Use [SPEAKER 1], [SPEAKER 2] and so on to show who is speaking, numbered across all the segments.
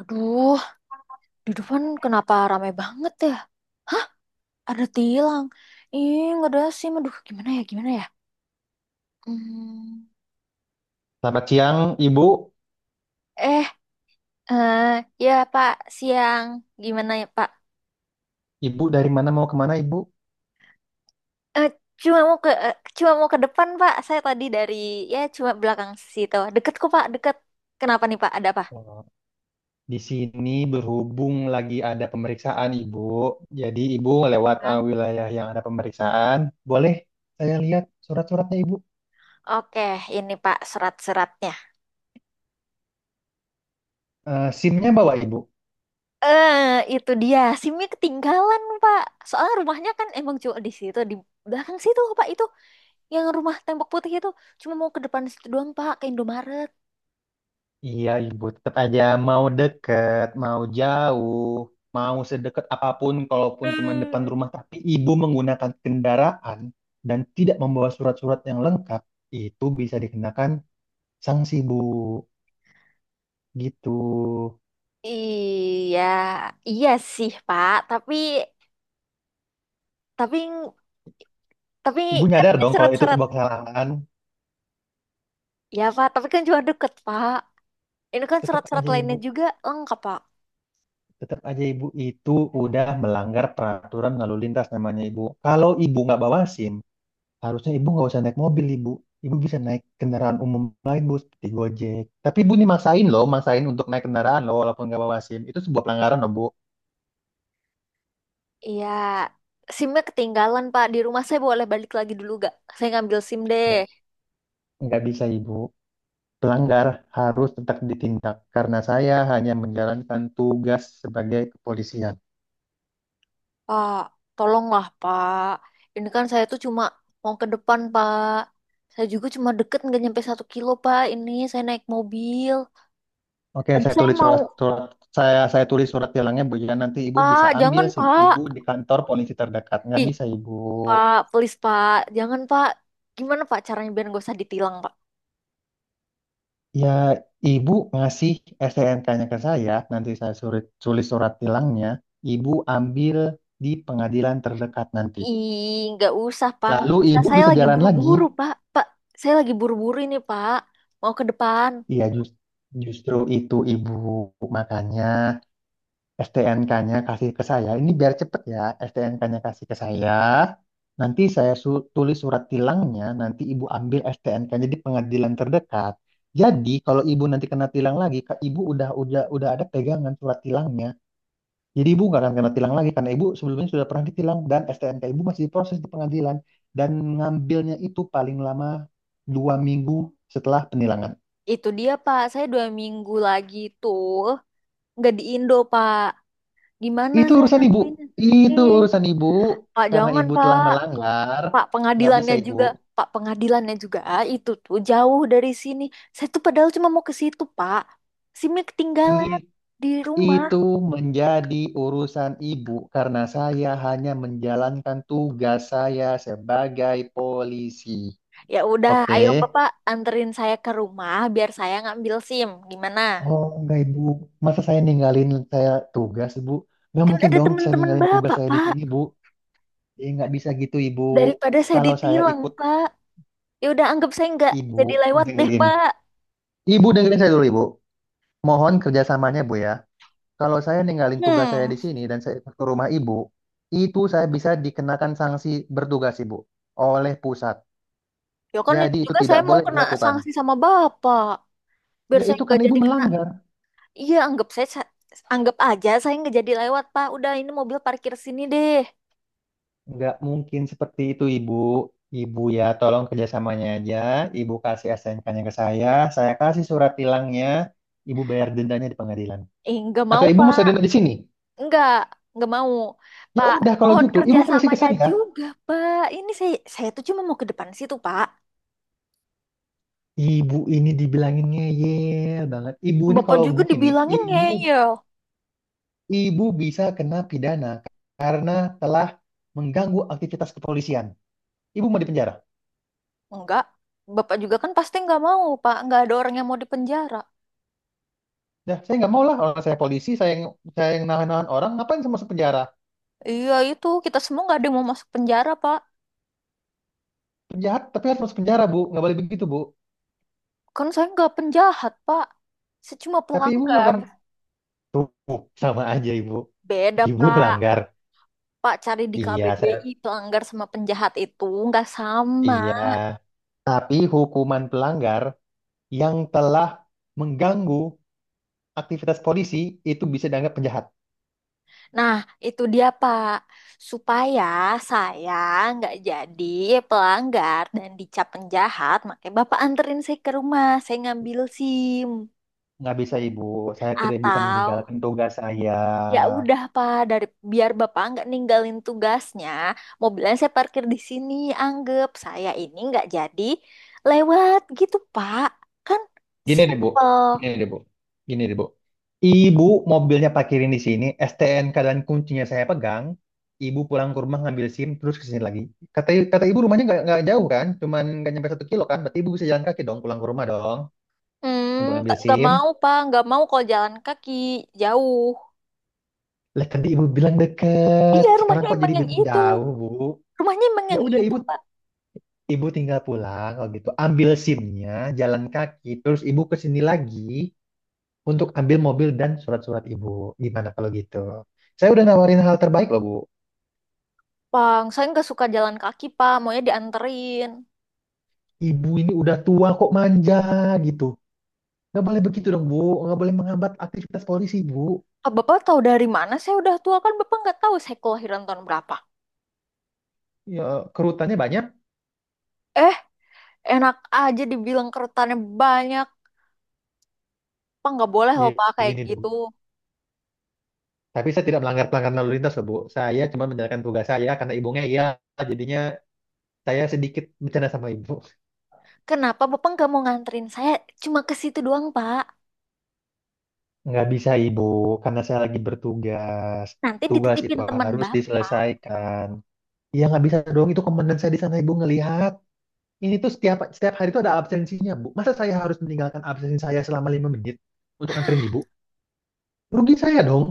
[SPEAKER 1] Aduh, di depan kenapa ramai banget ya? Ada tilang. Ih, nggak ada SIM. Aduh, gimana ya, gimana ya? Hmm.
[SPEAKER 2] Selamat siang, Ibu.
[SPEAKER 1] Eh, eh, ya Pak, siang. Gimana ya Pak?
[SPEAKER 2] Ibu dari mana mau kemana, Ibu?
[SPEAKER 1] Eh, cuma mau ke depan Pak. Saya tadi dari, ya cuma belakang situ. Deket kok Pak, deket. Kenapa nih Pak? Ada apa?
[SPEAKER 2] Oh, di sini berhubung lagi ada pemeriksaan, Ibu. Jadi, Ibu lewat
[SPEAKER 1] Hah?
[SPEAKER 2] wilayah yang ada pemeriksaan. Boleh saya lihat surat-suratnya, Ibu?
[SPEAKER 1] Oke, ini Pak surat-suratnya.
[SPEAKER 2] SIM-nya bawa, Ibu?
[SPEAKER 1] Eh, itu dia. SIM-nya ketinggalan Pak. Soalnya rumahnya kan emang cuma di situ, di belakang situ Pak itu. Yang rumah tembok putih itu cuma mau ke depan situ doang Pak ke Indomaret.
[SPEAKER 2] Iya, Ibu. Tetap aja mau deket, mau jauh, mau sedekat apapun, kalaupun cuma depan
[SPEAKER 1] Hmm.
[SPEAKER 2] rumah, tapi Ibu menggunakan kendaraan dan tidak membawa surat-surat yang lengkap, itu bisa dikenakan sanksi, Bu. Gitu.
[SPEAKER 1] Iya, iya sih Pak. Tapi, tapi
[SPEAKER 2] Ibu
[SPEAKER 1] kan
[SPEAKER 2] nyadar
[SPEAKER 1] ini
[SPEAKER 2] dong kalau itu
[SPEAKER 1] surat-surat.
[SPEAKER 2] sebuah kesalahan.
[SPEAKER 1] Ya Pak, tapi kan cuma deket Pak. Ini kan
[SPEAKER 2] Tetap
[SPEAKER 1] surat-surat
[SPEAKER 2] aja ibu,
[SPEAKER 1] lainnya juga lengkap Pak.
[SPEAKER 2] tetap aja ibu itu udah melanggar peraturan lalu lintas namanya ibu. Kalau ibu nggak bawa SIM, harusnya ibu nggak usah naik mobil ibu. Ibu bisa naik kendaraan umum lain bu, seperti Gojek. Tapi ibu nih maksain loh, maksain untuk naik kendaraan loh, walaupun nggak bawa SIM. Itu sebuah pelanggaran loh bu.
[SPEAKER 1] Iya, SIM-nya ketinggalan Pak di rumah. Saya boleh balik lagi dulu gak? Saya ngambil SIM deh.
[SPEAKER 2] Nggak, nggak bisa ibu. Pelanggar harus tetap ditindak karena saya hanya menjalankan tugas sebagai kepolisian.
[SPEAKER 1] Pak, tolonglah Pak. Ini kan saya tuh cuma mau ke depan Pak. Saya juga cuma deket nggak nyampe satu kilo Pak. Ini saya naik mobil.
[SPEAKER 2] Oke,
[SPEAKER 1] Tadi
[SPEAKER 2] saya
[SPEAKER 1] saya
[SPEAKER 2] tulis
[SPEAKER 1] mau.
[SPEAKER 2] surat surat saya tulis surat tilangnya Bu ya, nanti Ibu bisa
[SPEAKER 1] Pak,
[SPEAKER 2] ambil
[SPEAKER 1] jangan
[SPEAKER 2] SIM Ibu
[SPEAKER 1] Pak.
[SPEAKER 2] di kantor polisi terdekat. Nggak
[SPEAKER 1] Ih
[SPEAKER 2] bisa Ibu.
[SPEAKER 1] Pak, please Pak, jangan Pak. Gimana Pak caranya biar nggak usah ditilang Pak?
[SPEAKER 2] Ya, Ibu ngasih STNK-nya ke saya, nanti saya surat, tulis surat tilangnya, Ibu ambil di pengadilan terdekat nanti.
[SPEAKER 1] Ih, nggak usah Pak, nggak
[SPEAKER 2] Lalu
[SPEAKER 1] usah.
[SPEAKER 2] Ibu
[SPEAKER 1] Saya
[SPEAKER 2] bisa
[SPEAKER 1] lagi
[SPEAKER 2] jalan lagi.
[SPEAKER 1] buru-buru Pak. Pak, saya lagi buru-buru ini Pak. Mau ke depan.
[SPEAKER 2] Iya, justru itu Ibu. Makanya STNK-nya kasih ke saya. Ini biar cepet ya. STNK-nya kasih ke saya. Nanti saya tulis surat tilangnya. Nanti ibu ambil STNK-nya di pengadilan terdekat. Jadi kalau ibu nanti kena tilang lagi, Kak, ibu udah ada pegangan surat tilangnya. Jadi ibu nggak akan kena tilang lagi karena ibu sebelumnya sudah pernah ditilang dan STNK ibu masih diproses di pengadilan dan ngambilnya itu paling lama 2 minggu setelah penilangan.
[SPEAKER 1] Itu dia Pak, saya dua minggu lagi tuh nggak di Indo Pak. Gimana
[SPEAKER 2] Itu
[SPEAKER 1] saya
[SPEAKER 2] urusan ibu.
[SPEAKER 1] nantinya?
[SPEAKER 2] Itu
[SPEAKER 1] Eh,
[SPEAKER 2] urusan ibu.
[SPEAKER 1] Pak,
[SPEAKER 2] Karena
[SPEAKER 1] jangan,
[SPEAKER 2] ibu telah
[SPEAKER 1] Pak.
[SPEAKER 2] melanggar,
[SPEAKER 1] Pak,
[SPEAKER 2] nggak bisa
[SPEAKER 1] pengadilannya
[SPEAKER 2] ibu.
[SPEAKER 1] juga. Pak, pengadilannya juga. Ah, itu tuh jauh dari sini. Saya tuh padahal cuma mau ke situ, Pak. SIM-nya ketinggalan
[SPEAKER 2] I-
[SPEAKER 1] di rumah.
[SPEAKER 2] Itu menjadi urusan ibu karena saya hanya menjalankan tugas saya sebagai polisi.
[SPEAKER 1] Ya udah,
[SPEAKER 2] Oke.
[SPEAKER 1] ayo Bapak anterin saya ke rumah biar saya ngambil SIM. Gimana?
[SPEAKER 2] Oh, enggak ibu. Masa saya ninggalin tugas ibu? Nggak
[SPEAKER 1] Kan
[SPEAKER 2] mungkin
[SPEAKER 1] ada
[SPEAKER 2] dong saya
[SPEAKER 1] teman-teman
[SPEAKER 2] ninggalin tugas
[SPEAKER 1] Bapak,
[SPEAKER 2] saya di
[SPEAKER 1] Pak.
[SPEAKER 2] sini bu. Nggak bisa gitu ibu.
[SPEAKER 1] Daripada saya
[SPEAKER 2] Kalau saya
[SPEAKER 1] ditilang,
[SPEAKER 2] ikut
[SPEAKER 1] Pak. Ya udah, anggap saya nggak
[SPEAKER 2] ibu
[SPEAKER 1] jadi lewat deh,
[SPEAKER 2] dengerin.
[SPEAKER 1] Pak.
[SPEAKER 2] Ibu dengerin saya dulu ibu. Mohon kerjasamanya bu ya. Kalau saya ninggalin tugas saya
[SPEAKER 1] Hmm,
[SPEAKER 2] di sini dan saya ke rumah ibu, itu saya bisa dikenakan sanksi bertugas ibu oleh pusat.
[SPEAKER 1] ya kan ini
[SPEAKER 2] Jadi itu
[SPEAKER 1] juga saya
[SPEAKER 2] tidak
[SPEAKER 1] mau
[SPEAKER 2] boleh
[SPEAKER 1] kena
[SPEAKER 2] dilakukan.
[SPEAKER 1] sanksi sama Bapak. Biar
[SPEAKER 2] Ya
[SPEAKER 1] saya
[SPEAKER 2] itu kan
[SPEAKER 1] nggak
[SPEAKER 2] ibu
[SPEAKER 1] jadi kena.
[SPEAKER 2] melanggar.
[SPEAKER 1] Iya, anggap aja saya nggak jadi lewat, Pak. Udah ini mobil parkir sini deh.
[SPEAKER 2] Nggak mungkin seperti itu ibu. Ibu ya tolong kerjasamanya aja. Ibu kasih SNK-nya ke saya kasih surat tilangnya, ibu bayar dendanya di pengadilan.
[SPEAKER 1] Nggak mau,
[SPEAKER 2] Atau ibu mau saya
[SPEAKER 1] Pak.
[SPEAKER 2] denda di sini?
[SPEAKER 1] Nggak, nggak mau.
[SPEAKER 2] Ya
[SPEAKER 1] Pak,
[SPEAKER 2] udah kalau
[SPEAKER 1] mohon
[SPEAKER 2] gitu, ibu kasih ke
[SPEAKER 1] kerjasamanya
[SPEAKER 2] saya.
[SPEAKER 1] juga, Pak. Ini saya tuh cuma mau ke depan situ, Pak.
[SPEAKER 2] Ibu ini dibilangin ngeyel banget. Ibu ini
[SPEAKER 1] Bapak
[SPEAKER 2] kalau
[SPEAKER 1] juga
[SPEAKER 2] begini,
[SPEAKER 1] dibilangin
[SPEAKER 2] ibu
[SPEAKER 1] ngeyel.
[SPEAKER 2] Ibu bisa kena pidana karena telah mengganggu aktivitas kepolisian. Ibu mau dipenjara.
[SPEAKER 1] Enggak. Bapak juga kan pasti nggak mau, Pak. Nggak ada orang yang mau dipenjara.
[SPEAKER 2] Nah, saya nggak mau lah orang saya polisi, saya yang nahan-nahan orang, ngapain saya masuk penjara?
[SPEAKER 1] Iya, itu kita semua nggak ada yang mau masuk penjara, Pak.
[SPEAKER 2] Penjahat tapi harus masuk penjara, Bu. Nggak boleh begitu, Bu.
[SPEAKER 1] Kan saya nggak penjahat, Pak. Saya cuma
[SPEAKER 2] Tapi Ibu
[SPEAKER 1] pelanggar.
[SPEAKER 2] melakukan tuh sama aja, Ibu.
[SPEAKER 1] Beda,
[SPEAKER 2] Ibu
[SPEAKER 1] Pak.
[SPEAKER 2] melanggar.
[SPEAKER 1] Pak, cari di
[SPEAKER 2] Iya, saya
[SPEAKER 1] KBBI pelanggar sama penjahat itu nggak sama.
[SPEAKER 2] iya. Tapi hukuman pelanggar yang telah mengganggu aktivitas polisi itu bisa dianggap penjahat.
[SPEAKER 1] Nah, itu dia Pak. Supaya saya nggak jadi pelanggar dan dicap penjahat, makanya Bapak anterin saya ke rumah, saya ngambil SIM.
[SPEAKER 2] Nggak bisa, Ibu. Saya tidak bisa
[SPEAKER 1] Atau
[SPEAKER 2] meninggalkan tugas saya.
[SPEAKER 1] ya udah Pak, biar Bapak nggak ninggalin tugasnya, mobilnya saya parkir di sini, anggap saya ini nggak jadi lewat gitu Pak. Kan
[SPEAKER 2] Gini deh, Bu.
[SPEAKER 1] simple.
[SPEAKER 2] Gini deh, Bu. Gini deh, Bu. Ibu mobilnya parkirin di sini, STNK dan kuncinya saya pegang. Ibu pulang ke rumah ngambil SIM terus ke sini lagi. Kata kata ibu rumahnya nggak jauh kan, cuman nggak nyampe 1 kilo kan. Berarti ibu bisa jalan kaki dong pulang ke rumah dong untuk
[SPEAKER 1] Hmm, ta-
[SPEAKER 2] ngambil
[SPEAKER 1] nggak
[SPEAKER 2] SIM.
[SPEAKER 1] mau pak, nggak mau kalau jalan kaki jauh.
[SPEAKER 2] Lah tadi ibu bilang deket,
[SPEAKER 1] Iya,
[SPEAKER 2] sekarang
[SPEAKER 1] rumahnya
[SPEAKER 2] kok
[SPEAKER 1] emang
[SPEAKER 2] jadi
[SPEAKER 1] yang
[SPEAKER 2] bilang
[SPEAKER 1] itu.
[SPEAKER 2] jauh, Bu?
[SPEAKER 1] Rumahnya emang
[SPEAKER 2] Ya
[SPEAKER 1] yang
[SPEAKER 2] udah
[SPEAKER 1] itu
[SPEAKER 2] ibu
[SPEAKER 1] pak.
[SPEAKER 2] ibu tinggal pulang kalau gitu. Ambil SIM-nya, jalan kaki, terus ibu ke sini lagi, untuk ambil mobil dan surat-surat ibu. Gimana kalau gitu? Saya udah nawarin hal terbaik loh, Bu.
[SPEAKER 1] Bang, saya nggak suka jalan kaki pak, maunya dianterin.
[SPEAKER 2] Ibu ini udah tua kok manja gitu. Nggak boleh begitu dong, Bu. Nggak boleh menghambat aktivitas polisi, Bu.
[SPEAKER 1] Ah, bapak tahu dari mana? Saya udah tua kan, bapak nggak tahu saya kelahiran tahun berapa.
[SPEAKER 2] Ya, kerutannya banyak.
[SPEAKER 1] Eh, enak aja dibilang keretanya banyak. Pak nggak boleh
[SPEAKER 2] Ya,
[SPEAKER 1] loh pak kayak
[SPEAKER 2] gini deh,
[SPEAKER 1] gitu.
[SPEAKER 2] Bu. Tapi saya tidak melanggar pelanggaran lalu lintas loh, Bu. Saya cuma menjalankan tugas saya karena ibunya iya. Jadinya saya sedikit bercanda sama ibu.
[SPEAKER 1] Kenapa bapak nggak mau nganterin saya? Cuma ke situ doang pak.
[SPEAKER 2] Nggak bisa, Ibu. Karena saya lagi bertugas.
[SPEAKER 1] Nanti
[SPEAKER 2] Tugas itu
[SPEAKER 1] dititipin teman
[SPEAKER 2] harus
[SPEAKER 1] bapak.
[SPEAKER 2] diselesaikan. Ya nggak bisa dong, itu komandan saya di sana ibu ngelihat. Ini tuh setiap setiap hari itu ada absensinya, Bu. Masa saya harus meninggalkan absensi saya selama 5 menit untuk nganterin Ibu? Rugi saya dong.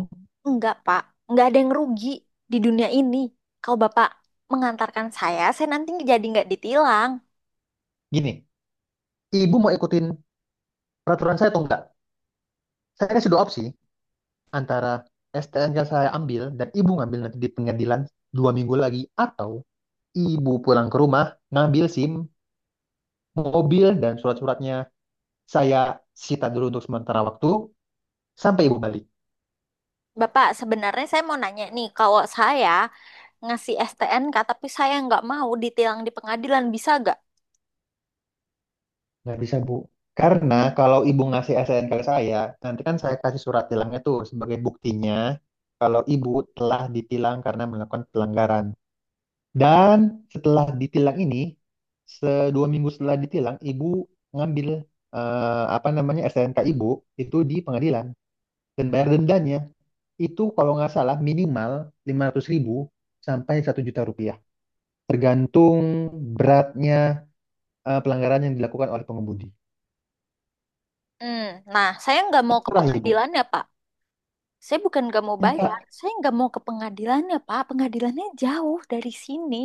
[SPEAKER 1] Enggak, Pak. Enggak ada yang rugi di dunia ini. Kalau Bapak mengantarkan saya nanti jadi nggak ditilang.
[SPEAKER 2] Gini, Ibu mau ikutin peraturan saya atau enggak? Saya kasih dua opsi antara STN yang saya ambil dan Ibu ngambil nanti di pengadilan 2 minggu lagi atau Ibu pulang ke rumah ngambil SIM, mobil dan surat-suratnya saya sita dulu untuk sementara waktu sampai Ibu balik.
[SPEAKER 1] Bapak, sebenarnya saya mau nanya nih, kalau saya ngasih STNK tapi saya nggak mau ditilang di pengadilan, bisa nggak?
[SPEAKER 2] Nggak bisa, Bu. Karena kalau Ibu ngasih SNK ke saya, nanti kan saya kasih surat tilangnya tuh sebagai buktinya kalau Ibu telah ditilang karena melakukan pelanggaran. Dan setelah ditilang ini, 2 minggu setelah ditilang, Ibu ngambil apa namanya SNK Ibu itu di pengadilan dan bayar dendanya, itu kalau nggak salah minimal 500.000 sampai Rp1.000.000, tergantung beratnya pelanggaran yang dilakukan oleh pengemudi.
[SPEAKER 1] Hmm, nah, saya nggak mau ke
[SPEAKER 2] Terserah Ibu.
[SPEAKER 1] pengadilannya, Pak. Saya bukan nggak mau
[SPEAKER 2] Ya,
[SPEAKER 1] bayar,
[SPEAKER 2] Kak.
[SPEAKER 1] saya nggak mau ke pengadilannya, Pak. Pengadilannya jauh dari sini.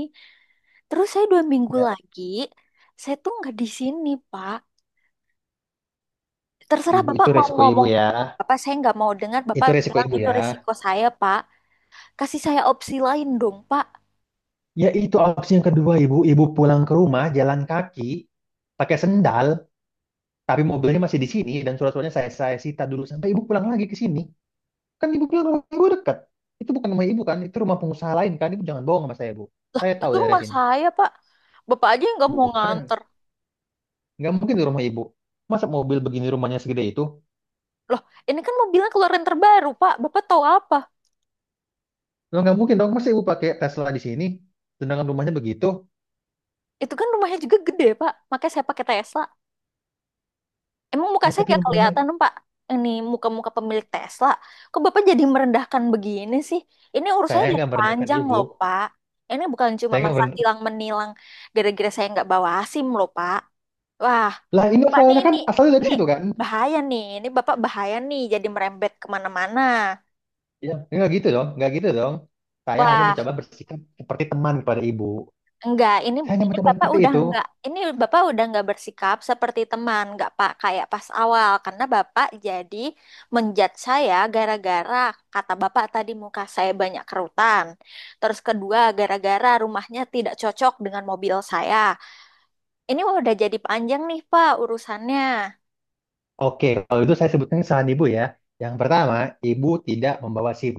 [SPEAKER 1] Terus saya dua minggu
[SPEAKER 2] Ya,
[SPEAKER 1] lagi, saya tuh nggak di sini, Pak. Terserah
[SPEAKER 2] ibu
[SPEAKER 1] Bapak
[SPEAKER 2] itu
[SPEAKER 1] mau
[SPEAKER 2] resiko ibu
[SPEAKER 1] ngomong.
[SPEAKER 2] ya.
[SPEAKER 1] Bapak saya nggak mau dengar. Bapak
[SPEAKER 2] Itu resiko
[SPEAKER 1] bilang
[SPEAKER 2] ibu
[SPEAKER 1] itu
[SPEAKER 2] ya.
[SPEAKER 1] risiko saya, Pak. Kasih saya opsi lain dong, Pak.
[SPEAKER 2] Ya itu opsi yang kedua ibu. Ibu pulang ke rumah jalan kaki pakai sendal, tapi mobilnya masih di sini dan surat-suratnya saya sita dulu sampai ibu pulang lagi ke sini. Kan ibu bilang rumah ibu dekat. Itu bukan rumah ibu kan, itu rumah pengusaha lain kan. Ibu jangan bohong sama saya bu. Saya tahu
[SPEAKER 1] Itu
[SPEAKER 2] daerah
[SPEAKER 1] rumah
[SPEAKER 2] sini.
[SPEAKER 1] saya, Pak. Bapak aja yang nggak mau
[SPEAKER 2] Bukan,
[SPEAKER 1] nganter.
[SPEAKER 2] nggak mungkin di rumah ibu. Masa mobil begini rumahnya segede itu?
[SPEAKER 1] Loh, ini kan mobilnya keluaran terbaru, Pak. Bapak tahu apa?
[SPEAKER 2] Lo nggak mungkin dong. Masa ibu pakai Tesla di sini, sedangkan rumahnya begitu?
[SPEAKER 1] Itu kan rumahnya juga gede, Pak. Makanya saya pakai Tesla. Emang muka
[SPEAKER 2] Ya
[SPEAKER 1] saya
[SPEAKER 2] tapi
[SPEAKER 1] nggak
[SPEAKER 2] rumahnya
[SPEAKER 1] kelihatan, Pak? Ini muka-muka pemilik Tesla. Kok Bapak jadi merendahkan begini sih? Ini
[SPEAKER 2] saya
[SPEAKER 1] urusannya jadi
[SPEAKER 2] nggak merendahkan
[SPEAKER 1] panjang
[SPEAKER 2] ibu.
[SPEAKER 1] loh, Pak. Ini bukan cuma
[SPEAKER 2] Saya nggak
[SPEAKER 1] masa
[SPEAKER 2] meren-
[SPEAKER 1] tilang menilang gara-gara saya nggak bawa SIM loh, Pak. Wah,
[SPEAKER 2] Lah ini
[SPEAKER 1] Pak, nih
[SPEAKER 2] asalnya kan
[SPEAKER 1] ini
[SPEAKER 2] asalnya dari
[SPEAKER 1] ini
[SPEAKER 2] situ kan?
[SPEAKER 1] bahaya nih. Ini Bapak bahaya nih jadi merembet kemana-mana.
[SPEAKER 2] Iya. Enggak gitu dong, enggak gitu dong. Saya hanya
[SPEAKER 1] Wah,
[SPEAKER 2] mencoba bersikap seperti teman kepada ibu.
[SPEAKER 1] enggak. Ini
[SPEAKER 2] Saya hanya
[SPEAKER 1] ini
[SPEAKER 2] mencoba
[SPEAKER 1] Bapak
[SPEAKER 2] seperti
[SPEAKER 1] udah
[SPEAKER 2] itu.
[SPEAKER 1] enggak. Ini Bapak udah enggak bersikap seperti teman, enggak Pak kayak pas awal karena Bapak jadi menjat saya gara-gara kata Bapak tadi muka saya banyak kerutan. Terus kedua, gara-gara rumahnya tidak cocok dengan mobil saya. Ini udah jadi panjang nih Pak urusannya.
[SPEAKER 2] Oke, kalau itu saya sebutkan kesalahan ibu ya. Yang pertama, ibu tidak membawa SIM.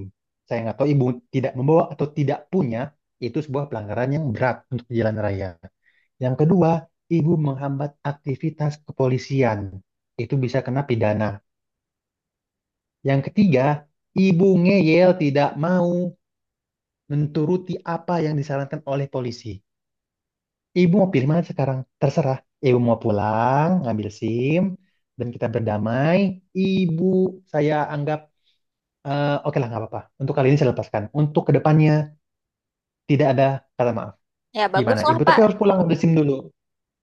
[SPEAKER 2] Saya nggak tahu ibu tidak membawa atau tidak punya, itu sebuah pelanggaran yang berat untuk di jalan raya. Yang kedua, ibu menghambat aktivitas kepolisian. Itu bisa kena pidana. Yang ketiga, ibu ngeyel tidak mau menturuti apa yang disarankan oleh polisi. Ibu mau pilih mana sekarang? Terserah. Ibu mau pulang, ngambil SIM, dan kita berdamai. Ibu saya anggap, oke lah nggak apa-apa. Untuk kali ini saya lepaskan. Untuk kedepannya tidak ada kata maaf.
[SPEAKER 1] Ya
[SPEAKER 2] Gimana?
[SPEAKER 1] baguslah
[SPEAKER 2] Ibu tapi
[SPEAKER 1] Pak.
[SPEAKER 2] harus pulang ngambil SIM dulu.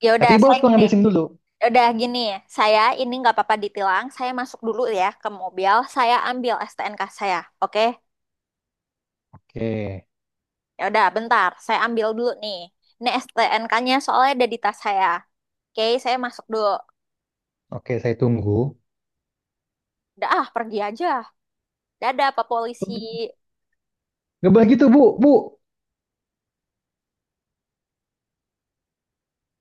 [SPEAKER 1] Ya
[SPEAKER 2] Tapi
[SPEAKER 1] udah
[SPEAKER 2] ibu
[SPEAKER 1] saya
[SPEAKER 2] harus pulang
[SPEAKER 1] gini.
[SPEAKER 2] ngambil SIM dulu.
[SPEAKER 1] Udah gini ya, saya ini nggak apa-apa ditilang. Saya masuk dulu ya ke mobil. Saya ambil STNK saya, oke?
[SPEAKER 2] Oke,
[SPEAKER 1] Ya udah, bentar. Saya ambil dulu nih. Ini STNK-nya soalnya ada di tas saya. Oke, saya masuk dulu.
[SPEAKER 2] oke saya tunggu.
[SPEAKER 1] Udah ah, pergi aja. Dadah, Pak Polisi.
[SPEAKER 2] Nggak boleh gitu bu, bu.